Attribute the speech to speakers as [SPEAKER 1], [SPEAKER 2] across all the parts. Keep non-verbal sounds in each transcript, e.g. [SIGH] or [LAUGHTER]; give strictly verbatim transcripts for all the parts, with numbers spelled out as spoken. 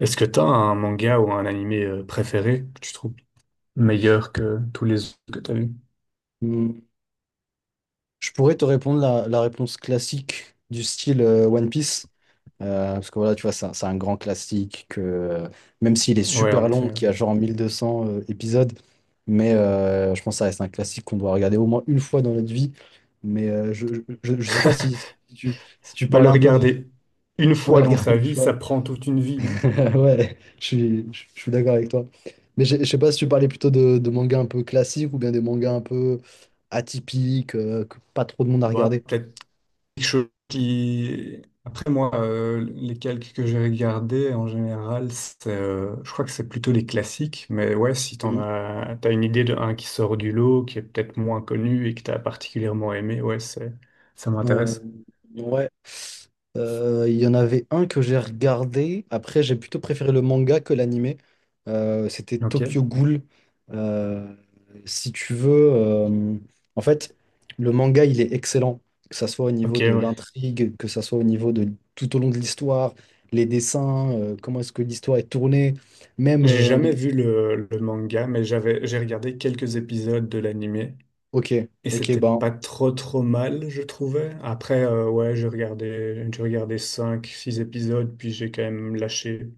[SPEAKER 1] Est-ce que t'as un manga ou un animé euh, préféré que tu trouves meilleur que tous les autres que t'as vus?
[SPEAKER 2] Hmm, Je pourrais te répondre la, la réponse classique du style euh, One Piece. Euh, parce que voilà, tu vois, c'est un, c'est un grand classique que, euh, même s'il est
[SPEAKER 1] Ouais, en
[SPEAKER 2] super long,
[SPEAKER 1] effet. Ouais.
[SPEAKER 2] qui a genre mille deux cents euh, épisodes, mais euh, je pense que ça reste un classique qu'on doit regarder au moins une fois dans notre vie. Mais euh, je, je, je je sais pas si, si tu, si tu
[SPEAKER 1] Bah, le
[SPEAKER 2] parlais un peu de...
[SPEAKER 1] regarder une
[SPEAKER 2] [LAUGHS] Ouais,
[SPEAKER 1] fois dans
[SPEAKER 2] regarder
[SPEAKER 1] sa
[SPEAKER 2] une
[SPEAKER 1] vie,
[SPEAKER 2] fois.
[SPEAKER 1] ça prend toute une vie, non?
[SPEAKER 2] [LAUGHS] Ouais, je suis, je je suis d'accord avec toi. Mais je je sais pas si tu parlais plutôt de, de mangas un peu classiques ou bien des mangas un peu atypiques, euh, que pas trop de monde a
[SPEAKER 1] Bah,
[SPEAKER 2] regardé.
[SPEAKER 1] peut-être quelque chose qui... Après, moi, euh, les calques que j'ai regardés, en général, c'est, euh, je crois que c'est plutôt les classiques. Mais ouais, si t'en
[SPEAKER 2] Mhm.
[SPEAKER 1] as, t'as une idée d'un qui sort du lot, qui est peut-être moins connu et que t'as particulièrement aimé, ouais, c'est, ça
[SPEAKER 2] Euh,
[SPEAKER 1] m'intéresse.
[SPEAKER 2] ouais, Euh, il y en avait un que j'ai regardé. Après, j'ai plutôt préféré le manga que l'animé. Euh, c'était Tokyo
[SPEAKER 1] Ok.
[SPEAKER 2] Ghoul. Euh, si tu veux, euh, en fait, le manga, il est excellent. Que ça soit au
[SPEAKER 1] Ok,
[SPEAKER 2] niveau de
[SPEAKER 1] ouais.
[SPEAKER 2] l'intrigue, que ça soit au niveau de tout au long de l'histoire, les dessins, euh, comment est-ce que l'histoire est tournée. Même,
[SPEAKER 1] J'ai
[SPEAKER 2] euh,
[SPEAKER 1] jamais vu le, le manga, mais j'avais, j'ai regardé quelques épisodes de l'animé
[SPEAKER 2] ok,
[SPEAKER 1] et
[SPEAKER 2] ok,
[SPEAKER 1] c'était
[SPEAKER 2] ben,
[SPEAKER 1] pas trop trop mal, je trouvais. Après, euh, ouais, j'ai regardé, j'ai regardé cinq six épisodes, puis j'ai quand même lâché.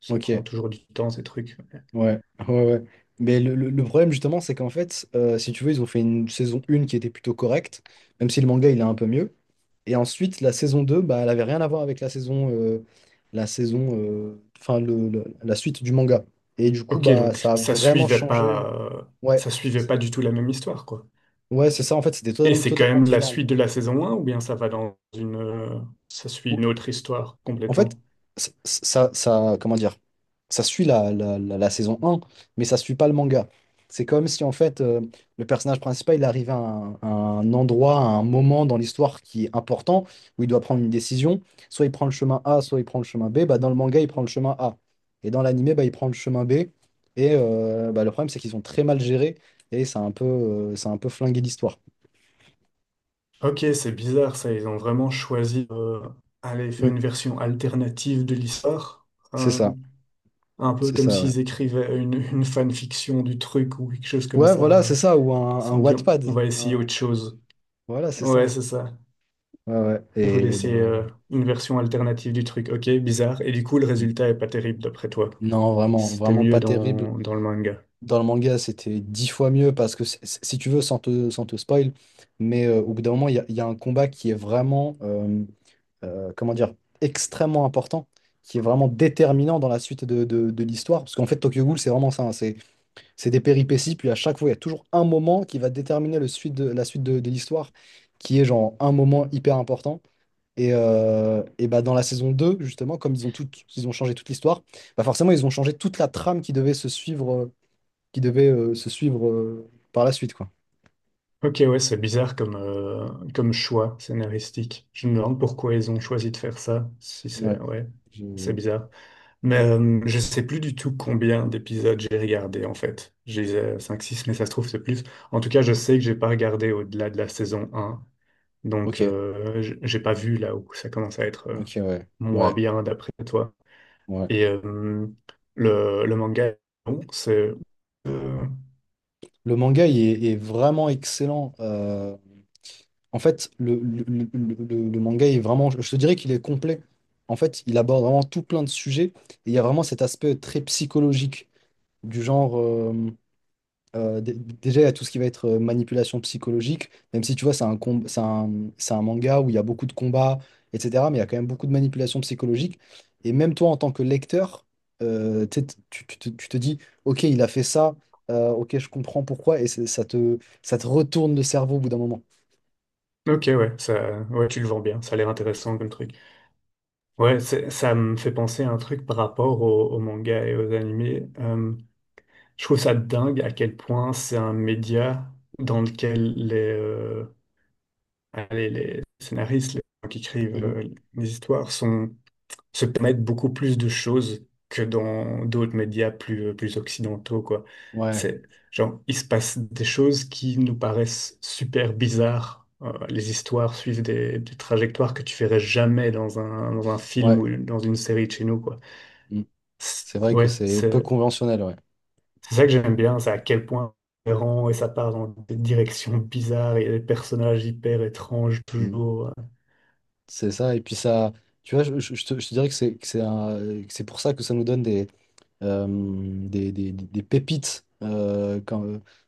[SPEAKER 1] Ça prend
[SPEAKER 2] ok.
[SPEAKER 1] toujours du temps, ces trucs.
[SPEAKER 2] Ouais, ouais, ouais. Mais le, le- le problème, justement, c'est qu'en fait, euh, si tu veux, ils ont fait une saison un qui était plutôt correcte, même si le manga, il est un peu mieux. Et ensuite, la saison deux bah, elle avait rien à voir avec la saison, euh, la saison, euh, enfin, le, le- la suite du manga. Et du coup,
[SPEAKER 1] Ok,
[SPEAKER 2] bah,
[SPEAKER 1] donc
[SPEAKER 2] ça a
[SPEAKER 1] ça
[SPEAKER 2] vraiment
[SPEAKER 1] suivait
[SPEAKER 2] changé.
[SPEAKER 1] pas, euh,
[SPEAKER 2] Ouais,
[SPEAKER 1] ça suivait pas du tout la même histoire, quoi.
[SPEAKER 2] ouais, c'est ça, en fait, c'était
[SPEAKER 1] Et
[SPEAKER 2] totalement,
[SPEAKER 1] c'est quand
[SPEAKER 2] totalement
[SPEAKER 1] même la
[SPEAKER 2] différent.
[SPEAKER 1] suite de la saison un ou bien ça va dans une, euh, ça suit une autre histoire
[SPEAKER 2] En fait,
[SPEAKER 1] complètement?
[SPEAKER 2] ça, ça, ça- comment dire, ça suit la, la, la, la saison un, mais ça suit pas le manga. C'est comme si, en fait, euh, le personnage principal, il arrive à un, à un endroit, à un moment dans l'histoire qui est important, où il doit prendre une décision. Soit il prend le chemin A, soit il prend le chemin B. Bah, dans le manga, il prend le chemin A. Et dans l'animé, bah, il prend le chemin B. Et euh, bah, le problème, c'est qu'ils ont très mal géré et ça a un peu, euh, ça a un peu flingué l'histoire.
[SPEAKER 1] Ok, c'est bizarre ça. Ils ont vraiment choisi d'aller faire
[SPEAKER 2] Mm.
[SPEAKER 1] une version alternative de l'histoire.
[SPEAKER 2] C'est
[SPEAKER 1] Euh,
[SPEAKER 2] ça,
[SPEAKER 1] un peu
[SPEAKER 2] c'est
[SPEAKER 1] comme
[SPEAKER 2] ça, ouais.
[SPEAKER 1] s'ils écrivaient une, une fanfiction du truc ou quelque chose comme
[SPEAKER 2] Ouais,
[SPEAKER 1] ça.
[SPEAKER 2] voilà,
[SPEAKER 1] euh,
[SPEAKER 2] c'est ça, ou
[SPEAKER 1] Ils
[SPEAKER 2] un,
[SPEAKER 1] se
[SPEAKER 2] un
[SPEAKER 1] sont dit, on,
[SPEAKER 2] Wattpad.
[SPEAKER 1] on va essayer
[SPEAKER 2] Un-
[SPEAKER 1] autre chose.
[SPEAKER 2] Voilà, c'est ça.
[SPEAKER 1] Ouais, c'est ça.
[SPEAKER 2] Ouais, ouais.
[SPEAKER 1] Ils voulaient
[SPEAKER 2] Et bah,
[SPEAKER 1] essayer euh, une version alternative du truc. Ok, bizarre. Et du coup, le résultat est pas terrible d'après toi.
[SPEAKER 2] non, vraiment,
[SPEAKER 1] C'était
[SPEAKER 2] vraiment
[SPEAKER 1] mieux
[SPEAKER 2] pas terrible.
[SPEAKER 1] dans, dans le manga.
[SPEAKER 2] Dans le manga, c'était dix fois mieux parce que, c'est- c'est- si tu veux, sans te, sans te spoil, mais euh, au bout d'un moment, il y a, il y a un combat qui est vraiment, euh, euh, comment dire, extrêmement important, qui est vraiment déterminant dans la suite de, de- de l'histoire. Parce qu'en fait, Tokyo Ghoul, c'est vraiment ça, hein, c'est, c'est des péripéties, puis à chaque fois, il y a toujours un moment qui va déterminer le suite de, la suite de, de l'histoire, qui est genre un moment hyper important. Et, euh, et bah dans la saison deux justement, comme ils ont tout, ils ont changé toute l'histoire, bah forcément, ils ont changé toute la trame qui devait se suivre, euh, qui devait euh, se suivre euh, par la suite, quoi.
[SPEAKER 1] Ok, ouais, c'est bizarre comme, euh, comme choix scénaristique. Je me demande pourquoi ils ont choisi de faire ça. Si c'est,
[SPEAKER 2] Ouais.
[SPEAKER 1] Ouais, c'est
[SPEAKER 2] Je-
[SPEAKER 1] bizarre. Mais euh, je sais plus du tout combien d'épisodes j'ai regardé en fait. J'ai euh, cinq six, mais ça se trouve c'est plus. En tout cas, je sais que j'ai pas regardé au-delà de la saison un.
[SPEAKER 2] Ok,
[SPEAKER 1] Donc euh, j- j'ai pas vu là où ça commence à être euh,
[SPEAKER 2] ok, ouais,
[SPEAKER 1] moins
[SPEAKER 2] ouais,
[SPEAKER 1] bien d'après toi.
[SPEAKER 2] ouais.
[SPEAKER 1] Et euh, le, le manga, bon, c'est... euh,
[SPEAKER 2] Le manga, il est, est vraiment excellent. Euh, en fait, le, le, le- le- le manga est vraiment, je te dirais qu'il est complet. En fait, il aborde vraiment tout plein de sujets. Et il y a vraiment cet aspect très psychologique du genre. euh, Euh, dé- déjà, il y a tout ce qui va être euh, manipulation psychologique, même si tu vois, c'est un, com- c'est un, c'est un manga où il y a beaucoup de combats, et cetera. Mais il y a quand même beaucoup de manipulation psychologique. Et même toi, en tant que lecteur, euh, tu, sais, t- tu- tu te tu te dis, OK, il a fait ça, euh, OK, je comprends pourquoi, et c'est- ça te, ça te retourne le cerveau au bout d'un moment.
[SPEAKER 1] ok, ouais, ça, ouais, tu le vends bien, ça a l'air intéressant comme truc. Ouais, c'est- ça me fait penser à un truc par rapport au, au manga et aux animés. Je trouve ça dingue à quel point c'est un média dans lequel les, euh, allez, les scénaristes, les gens qui écrivent
[SPEAKER 2] Mhm.
[SPEAKER 1] euh, les histoires sont, se permettent beaucoup plus de choses que dans d'autres médias plus, euh, plus occidentaux, quoi.
[SPEAKER 2] Ouais,
[SPEAKER 1] C'est, genre, il se passe des choses qui nous paraissent super bizarres. Euh, les histoires suivent des, des trajectoires que tu verrais jamais dans un, dans un film
[SPEAKER 2] ouais.
[SPEAKER 1] ou dans une série de chez nous, quoi.
[SPEAKER 2] Mm.
[SPEAKER 1] C'est-
[SPEAKER 2] C'est vrai que
[SPEAKER 1] Ouais,
[SPEAKER 2] c'est peu
[SPEAKER 1] c'est
[SPEAKER 2] conventionnel, ouais.
[SPEAKER 1] C'est ça que j'aime bien, c'est à quel point c'est errant et ça part dans des directions bizarres et des personnages hyper étranges
[SPEAKER 2] Mm.
[SPEAKER 1] toujours.
[SPEAKER 2] C'est ça, et puis ça, tu vois, je, je- je te, je te dirais que c'est que c'est un- que c'est pour ça que ça nous donne des euh, des, des- des pépites euh, quand-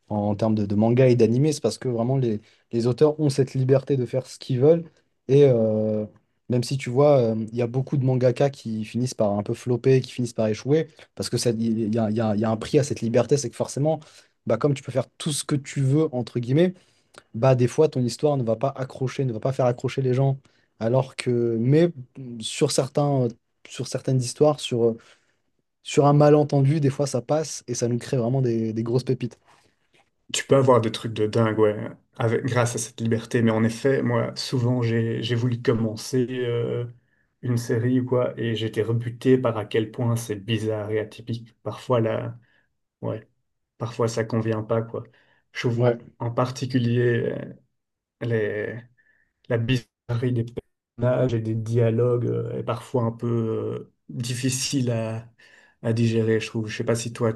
[SPEAKER 2] en, en termes de, de manga et d'animé, c'est parce que vraiment les, les auteurs ont cette liberté de faire ce qu'ils veulent. Et euh, même si tu vois, euh, il y a beaucoup de mangaka qui finissent par un peu flopper, qui finissent par échouer, parce que ça- il y a, il y a- il y a un prix à cette liberté, c'est que forcément, bah, comme tu peux faire tout ce que tu veux, entre guillemets, bah, des fois ton histoire ne va pas accrocher, ne va pas faire accrocher les gens. Alors que, mais sur certains, sur certaines histoires, sur, sur un malentendu, des fois ça passe et ça nous crée vraiment des, des grosses pépites.
[SPEAKER 1] Tu peux avoir des trucs de dingue, ouais, avec, grâce à cette liberté. Mais en effet, moi, souvent, j'ai, j'ai voulu commencer euh, une série ou quoi, et j'étais rebuté par à quel point c'est bizarre et atypique. Parfois, là, ouais, parfois ça convient pas, quoi. Je trouve
[SPEAKER 2] Ouais,
[SPEAKER 1] en particulier euh, les, la bizarrerie des personnages et des dialogues euh, est parfois un peu euh, difficile à, à digérer, je trouve. Je sais pas si toi,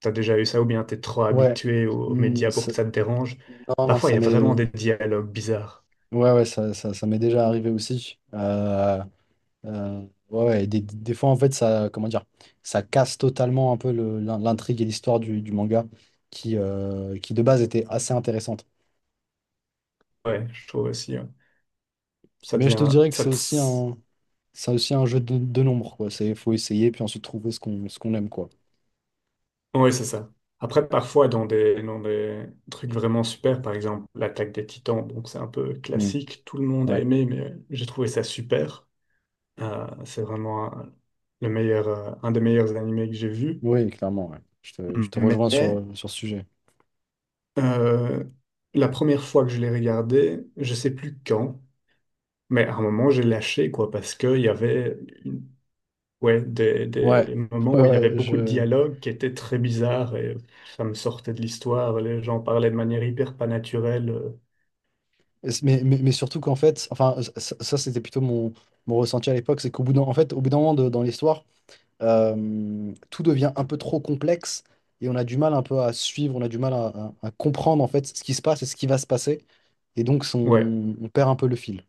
[SPEAKER 1] t'as déjà eu ça ou bien t'es trop
[SPEAKER 2] ouais.
[SPEAKER 1] habitué aux, aux
[SPEAKER 2] Hmm,
[SPEAKER 1] médias pour
[SPEAKER 2] ça-
[SPEAKER 1] que ça te dérange.
[SPEAKER 2] non, non,
[SPEAKER 1] Parfois, il
[SPEAKER 2] ça
[SPEAKER 1] y a vraiment
[SPEAKER 2] m'est.
[SPEAKER 1] des dialogues bizarres.
[SPEAKER 2] Ouais, ouais, ça, ça, ça m'est déjà arrivé aussi. Euh, euh, ouais, ouais, des, des fois, en fait, ça, comment dire, ça casse totalement un peu le- l'in- l'intrigue et l'histoire du, du manga qui, euh, qui, de base, était assez intéressante.
[SPEAKER 1] Ouais, je trouve aussi. Ouais. Ça
[SPEAKER 2] Mais je te
[SPEAKER 1] devient...
[SPEAKER 2] dirais que
[SPEAKER 1] Ça
[SPEAKER 2] c'est
[SPEAKER 1] te-
[SPEAKER 2] aussi un, c'est aussi un jeu de, de nombre, quoi. C'est, faut essayer, puis ensuite trouver ce qu'on ce qu'on aime, quoi.
[SPEAKER 1] Ouais, c'est ça. Après, parfois, dans des, dans des trucs vraiment super, par exemple, l'attaque des Titans, donc c'est un peu
[SPEAKER 2] Hmm,
[SPEAKER 1] classique, tout le monde a
[SPEAKER 2] ouais.
[SPEAKER 1] aimé, mais euh, j'ai trouvé ça super. Euh, c'est vraiment un, le meilleur, euh, un des meilleurs animés que j'ai vu.
[SPEAKER 2] Oui, clairement, ouais. Je te, je te
[SPEAKER 1] Mais
[SPEAKER 2] rejoins sur, sur ce sujet.
[SPEAKER 1] euh, la première fois que je l'ai regardé, je sais plus quand, mais à un moment j'ai lâché quoi parce que il y avait une- ouais, des,
[SPEAKER 2] Ouais,
[SPEAKER 1] des moments
[SPEAKER 2] ouais,
[SPEAKER 1] où il y avait
[SPEAKER 2] ouais,
[SPEAKER 1] beaucoup de
[SPEAKER 2] je...
[SPEAKER 1] dialogues qui étaient très bizarres et ça me sortait de l'histoire. Les gens parlaient de manière hyper pas naturelle. euh.
[SPEAKER 2] Mais, mais, mais surtout qu'en fait, enfin, ça, ça, c'était plutôt mon, mon ressenti à l'époque, c'est qu'au bout d'un, en fait, au bout d'un moment de- dans l'histoire, euh, tout devient un peu trop complexe et on a du mal un peu à suivre, on a du mal à, à- à comprendre en fait ce qui se passe et ce qui va se passer. Et donc,
[SPEAKER 1] Ouais,
[SPEAKER 2] son- on perd un peu le fil.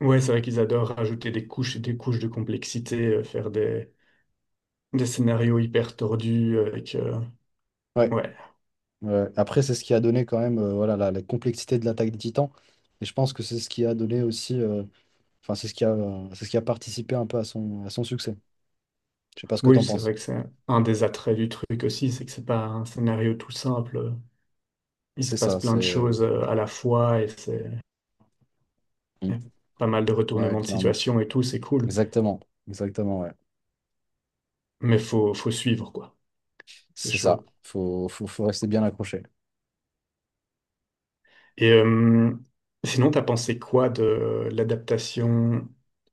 [SPEAKER 1] ouais, c'est vrai qu'ils adorent ajouter des couches et des couches de complexité, euh, faire des, des scénarios hyper tordus avec euh,
[SPEAKER 2] Ouais,
[SPEAKER 1] ouais.
[SPEAKER 2] ouais. Après, c'est ce qui a donné quand même euh, voilà, la, la complexité de l'attaque des Titans. Et je pense que c'est ce qui a donné aussi, euh, enfin, c'est ce qui a, c'est ce qui a participé un peu à son, à son succès. Je sais pas ce que
[SPEAKER 1] Oui,
[SPEAKER 2] t'en
[SPEAKER 1] c'est
[SPEAKER 2] penses.
[SPEAKER 1] vrai que c'est un des attraits du truc aussi, c'est que c'est pas un scénario tout simple. Il se
[SPEAKER 2] C'est
[SPEAKER 1] passe
[SPEAKER 2] ça,
[SPEAKER 1] plein
[SPEAKER 2] c'est...
[SPEAKER 1] de
[SPEAKER 2] euh,
[SPEAKER 1] choses euh, à la fois et c'est
[SPEAKER 2] mm,
[SPEAKER 1] pas mal de
[SPEAKER 2] Ouais,
[SPEAKER 1] retournements de
[SPEAKER 2] clairement.
[SPEAKER 1] situation et tout, c'est cool.
[SPEAKER 2] Exactement, exactement, ouais.
[SPEAKER 1] Mais faut, faut suivre, quoi. C'est
[SPEAKER 2] C'est ça,
[SPEAKER 1] chaud.
[SPEAKER 2] faut, faut, faut rester bien accroché.
[SPEAKER 1] Et euh, sinon, t'as pensé quoi de l'adaptation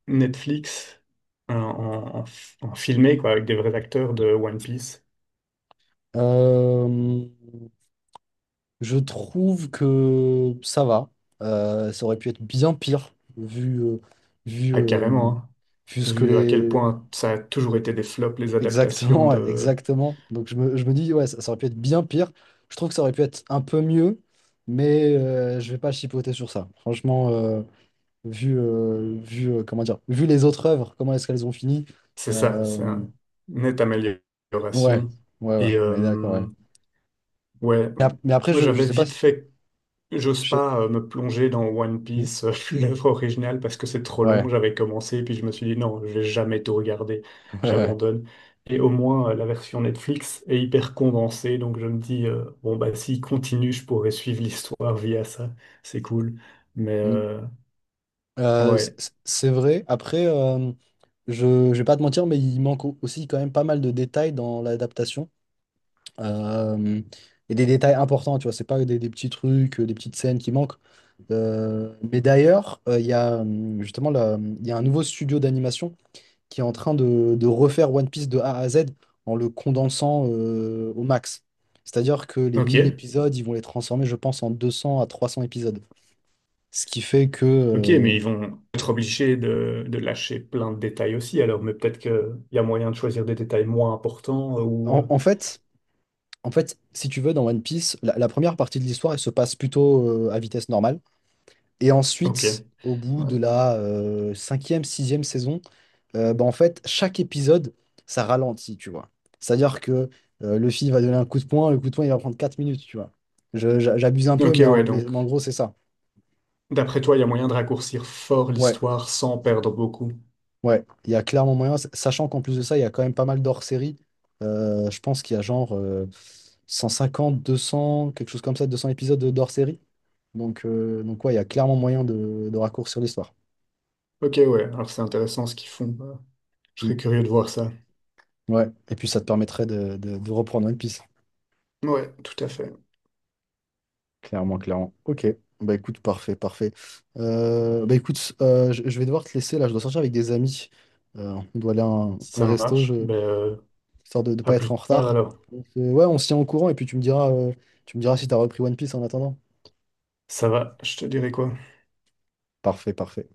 [SPEAKER 1] Netflix en, en, en- en filmé, quoi, avec des vrais acteurs de One Piece?
[SPEAKER 2] Euh, je trouve que ça va. Euh, ça aurait pu être bien pire, vu, euh, vu,
[SPEAKER 1] Ah,
[SPEAKER 2] euh,
[SPEAKER 1] carrément, hein.
[SPEAKER 2] vu ce que
[SPEAKER 1] Vu à quel
[SPEAKER 2] les...
[SPEAKER 1] point
[SPEAKER 2] [LAUGHS]
[SPEAKER 1] ça a toujours été des flops, les adaptations.
[SPEAKER 2] Exactement, ouais, exactement. Donc je me, je me dis, ouais, ça, ça aurait pu être bien pire. Je trouve que ça aurait pu être un peu mieux, mais euh, je vais pas chipoter sur ça. Franchement, euh, vu, euh, vu, euh, comment dire, vu les autres œuvres, comment est-ce qu'elles ont fini.
[SPEAKER 1] C'est ça, c'est
[SPEAKER 2] Euh,
[SPEAKER 1] un- Une nette
[SPEAKER 2] ouais,
[SPEAKER 1] amélioration.
[SPEAKER 2] ouais, ouais,
[SPEAKER 1] Et
[SPEAKER 2] on est d'accord, ouais.
[SPEAKER 1] euh, ouais,
[SPEAKER 2] Mais, ap- mais après,
[SPEAKER 1] moi
[SPEAKER 2] je, je
[SPEAKER 1] j'avais
[SPEAKER 2] sais pas
[SPEAKER 1] vite
[SPEAKER 2] si...
[SPEAKER 1] fait, j'ose
[SPEAKER 2] je sais-
[SPEAKER 1] pas euh, me plonger dans One
[SPEAKER 2] Hmm.
[SPEAKER 1] Piece, euh, [LAUGHS] l'œuvre originale, parce que c'est trop long.
[SPEAKER 2] Ouais,
[SPEAKER 1] J'avais commencé, puis je me suis dit non, je vais jamais tout regarder,
[SPEAKER 2] [LAUGHS] ouais, ouais.
[SPEAKER 1] j'abandonne. Et au moins, euh, la version Netflix est hyper condensée, donc je me dis, euh, bon, bah s'il continue, je pourrais suivre [LAUGHS] l'histoire via ça, c'est cool. Mais
[SPEAKER 2] Hmm.
[SPEAKER 1] euh,
[SPEAKER 2] Euh, c-
[SPEAKER 1] ouais,
[SPEAKER 2] c- c'est vrai. Après, euh, je, je vais pas te mentir, mais il manque au- aussi quand même pas mal de détails dans l'adaptation. Euh, et des détails importants, tu vois. C'est pas des, des petits trucs, euh, des petites scènes qui manquent. Euh, mais d'ailleurs, euh, il y a euh, justement là, il y a un nouveau studio d'animation qui est en train de, de refaire One Piece de A à Z en le condensant euh, au max. C'est-à-dire que les
[SPEAKER 1] ok.
[SPEAKER 2] mille épisodes, ils vont les transformer, je pense, en deux cents à trois cents épisodes. Ce qui fait que...
[SPEAKER 1] Ok,
[SPEAKER 2] euh,
[SPEAKER 1] mais ils vont être obligés de, de lâcher plein de détails aussi, alors, mais peut-être qu'il y a moyen de choisir des détails moins importants euh, ou...
[SPEAKER 2] en,
[SPEAKER 1] euh,
[SPEAKER 2] en fait, en fait, si tu veux, dans One Piece, la, la première partie de l'histoire, elle se passe plutôt euh, à vitesse normale. Et
[SPEAKER 1] Ok.
[SPEAKER 2] ensuite, au bout de
[SPEAKER 1] Ouais.
[SPEAKER 2] la euh, cinquième, sixième saison, euh, bah, en fait, chaque épisode, ça ralentit, tu vois. C'est-à-dire que euh, le film va donner un coup de poing, le coup de poing, il va prendre quatre minutes, tu vois. Je- j'a- j'abuse un peu,
[SPEAKER 1] Ok,
[SPEAKER 2] mais
[SPEAKER 1] ouais,
[SPEAKER 2] en, mais-
[SPEAKER 1] donc,
[SPEAKER 2] mais en gros, c'est ça.
[SPEAKER 1] d'après toi, il y a moyen de raccourcir fort
[SPEAKER 2] Ouais,
[SPEAKER 1] l'histoire sans perdre beaucoup.
[SPEAKER 2] ouais, il y a clairement moyen, s- sachant qu'en plus de ça, il y a quand même pas mal dhors série. Euh, je pense qu'il y a genre euh, cent cinquante, deux cents, quelque chose comme ça, deux cents épisodes d'hors-série. Donc, euh, donc ouais, il y a clairement moyen de, de raccourcir l'histoire.
[SPEAKER 1] Ok, ouais, alors c'est intéressant ce qu'ils font. euh, Je serais curieux de voir ça.
[SPEAKER 2] Ouais, et puis ça te permettrait de, de- de reprendre One Piece.
[SPEAKER 1] Ouais, tout à fait.
[SPEAKER 2] Clairement, clairement. Ok, bah écoute, parfait, parfait. Euh, bah écoute, euh, je, je vais devoir te laisser là, je dois sortir avec des amis. Euh, on doit aller à un,
[SPEAKER 1] Ça
[SPEAKER 2] un resto,
[SPEAKER 1] marche.
[SPEAKER 2] je,
[SPEAKER 1] Ben, euh,
[SPEAKER 2] histoire de ne
[SPEAKER 1] à
[SPEAKER 2] pas
[SPEAKER 1] plus
[SPEAKER 2] être en
[SPEAKER 1] tard
[SPEAKER 2] retard.
[SPEAKER 1] alors.
[SPEAKER 2] Donc, euh, ouais, on se tient au courant et puis tu me diras, euh, tu me diras si t'as repris One Piece en attendant.
[SPEAKER 1] Ça va, je te dirai quoi.
[SPEAKER 2] Parfait, parfait.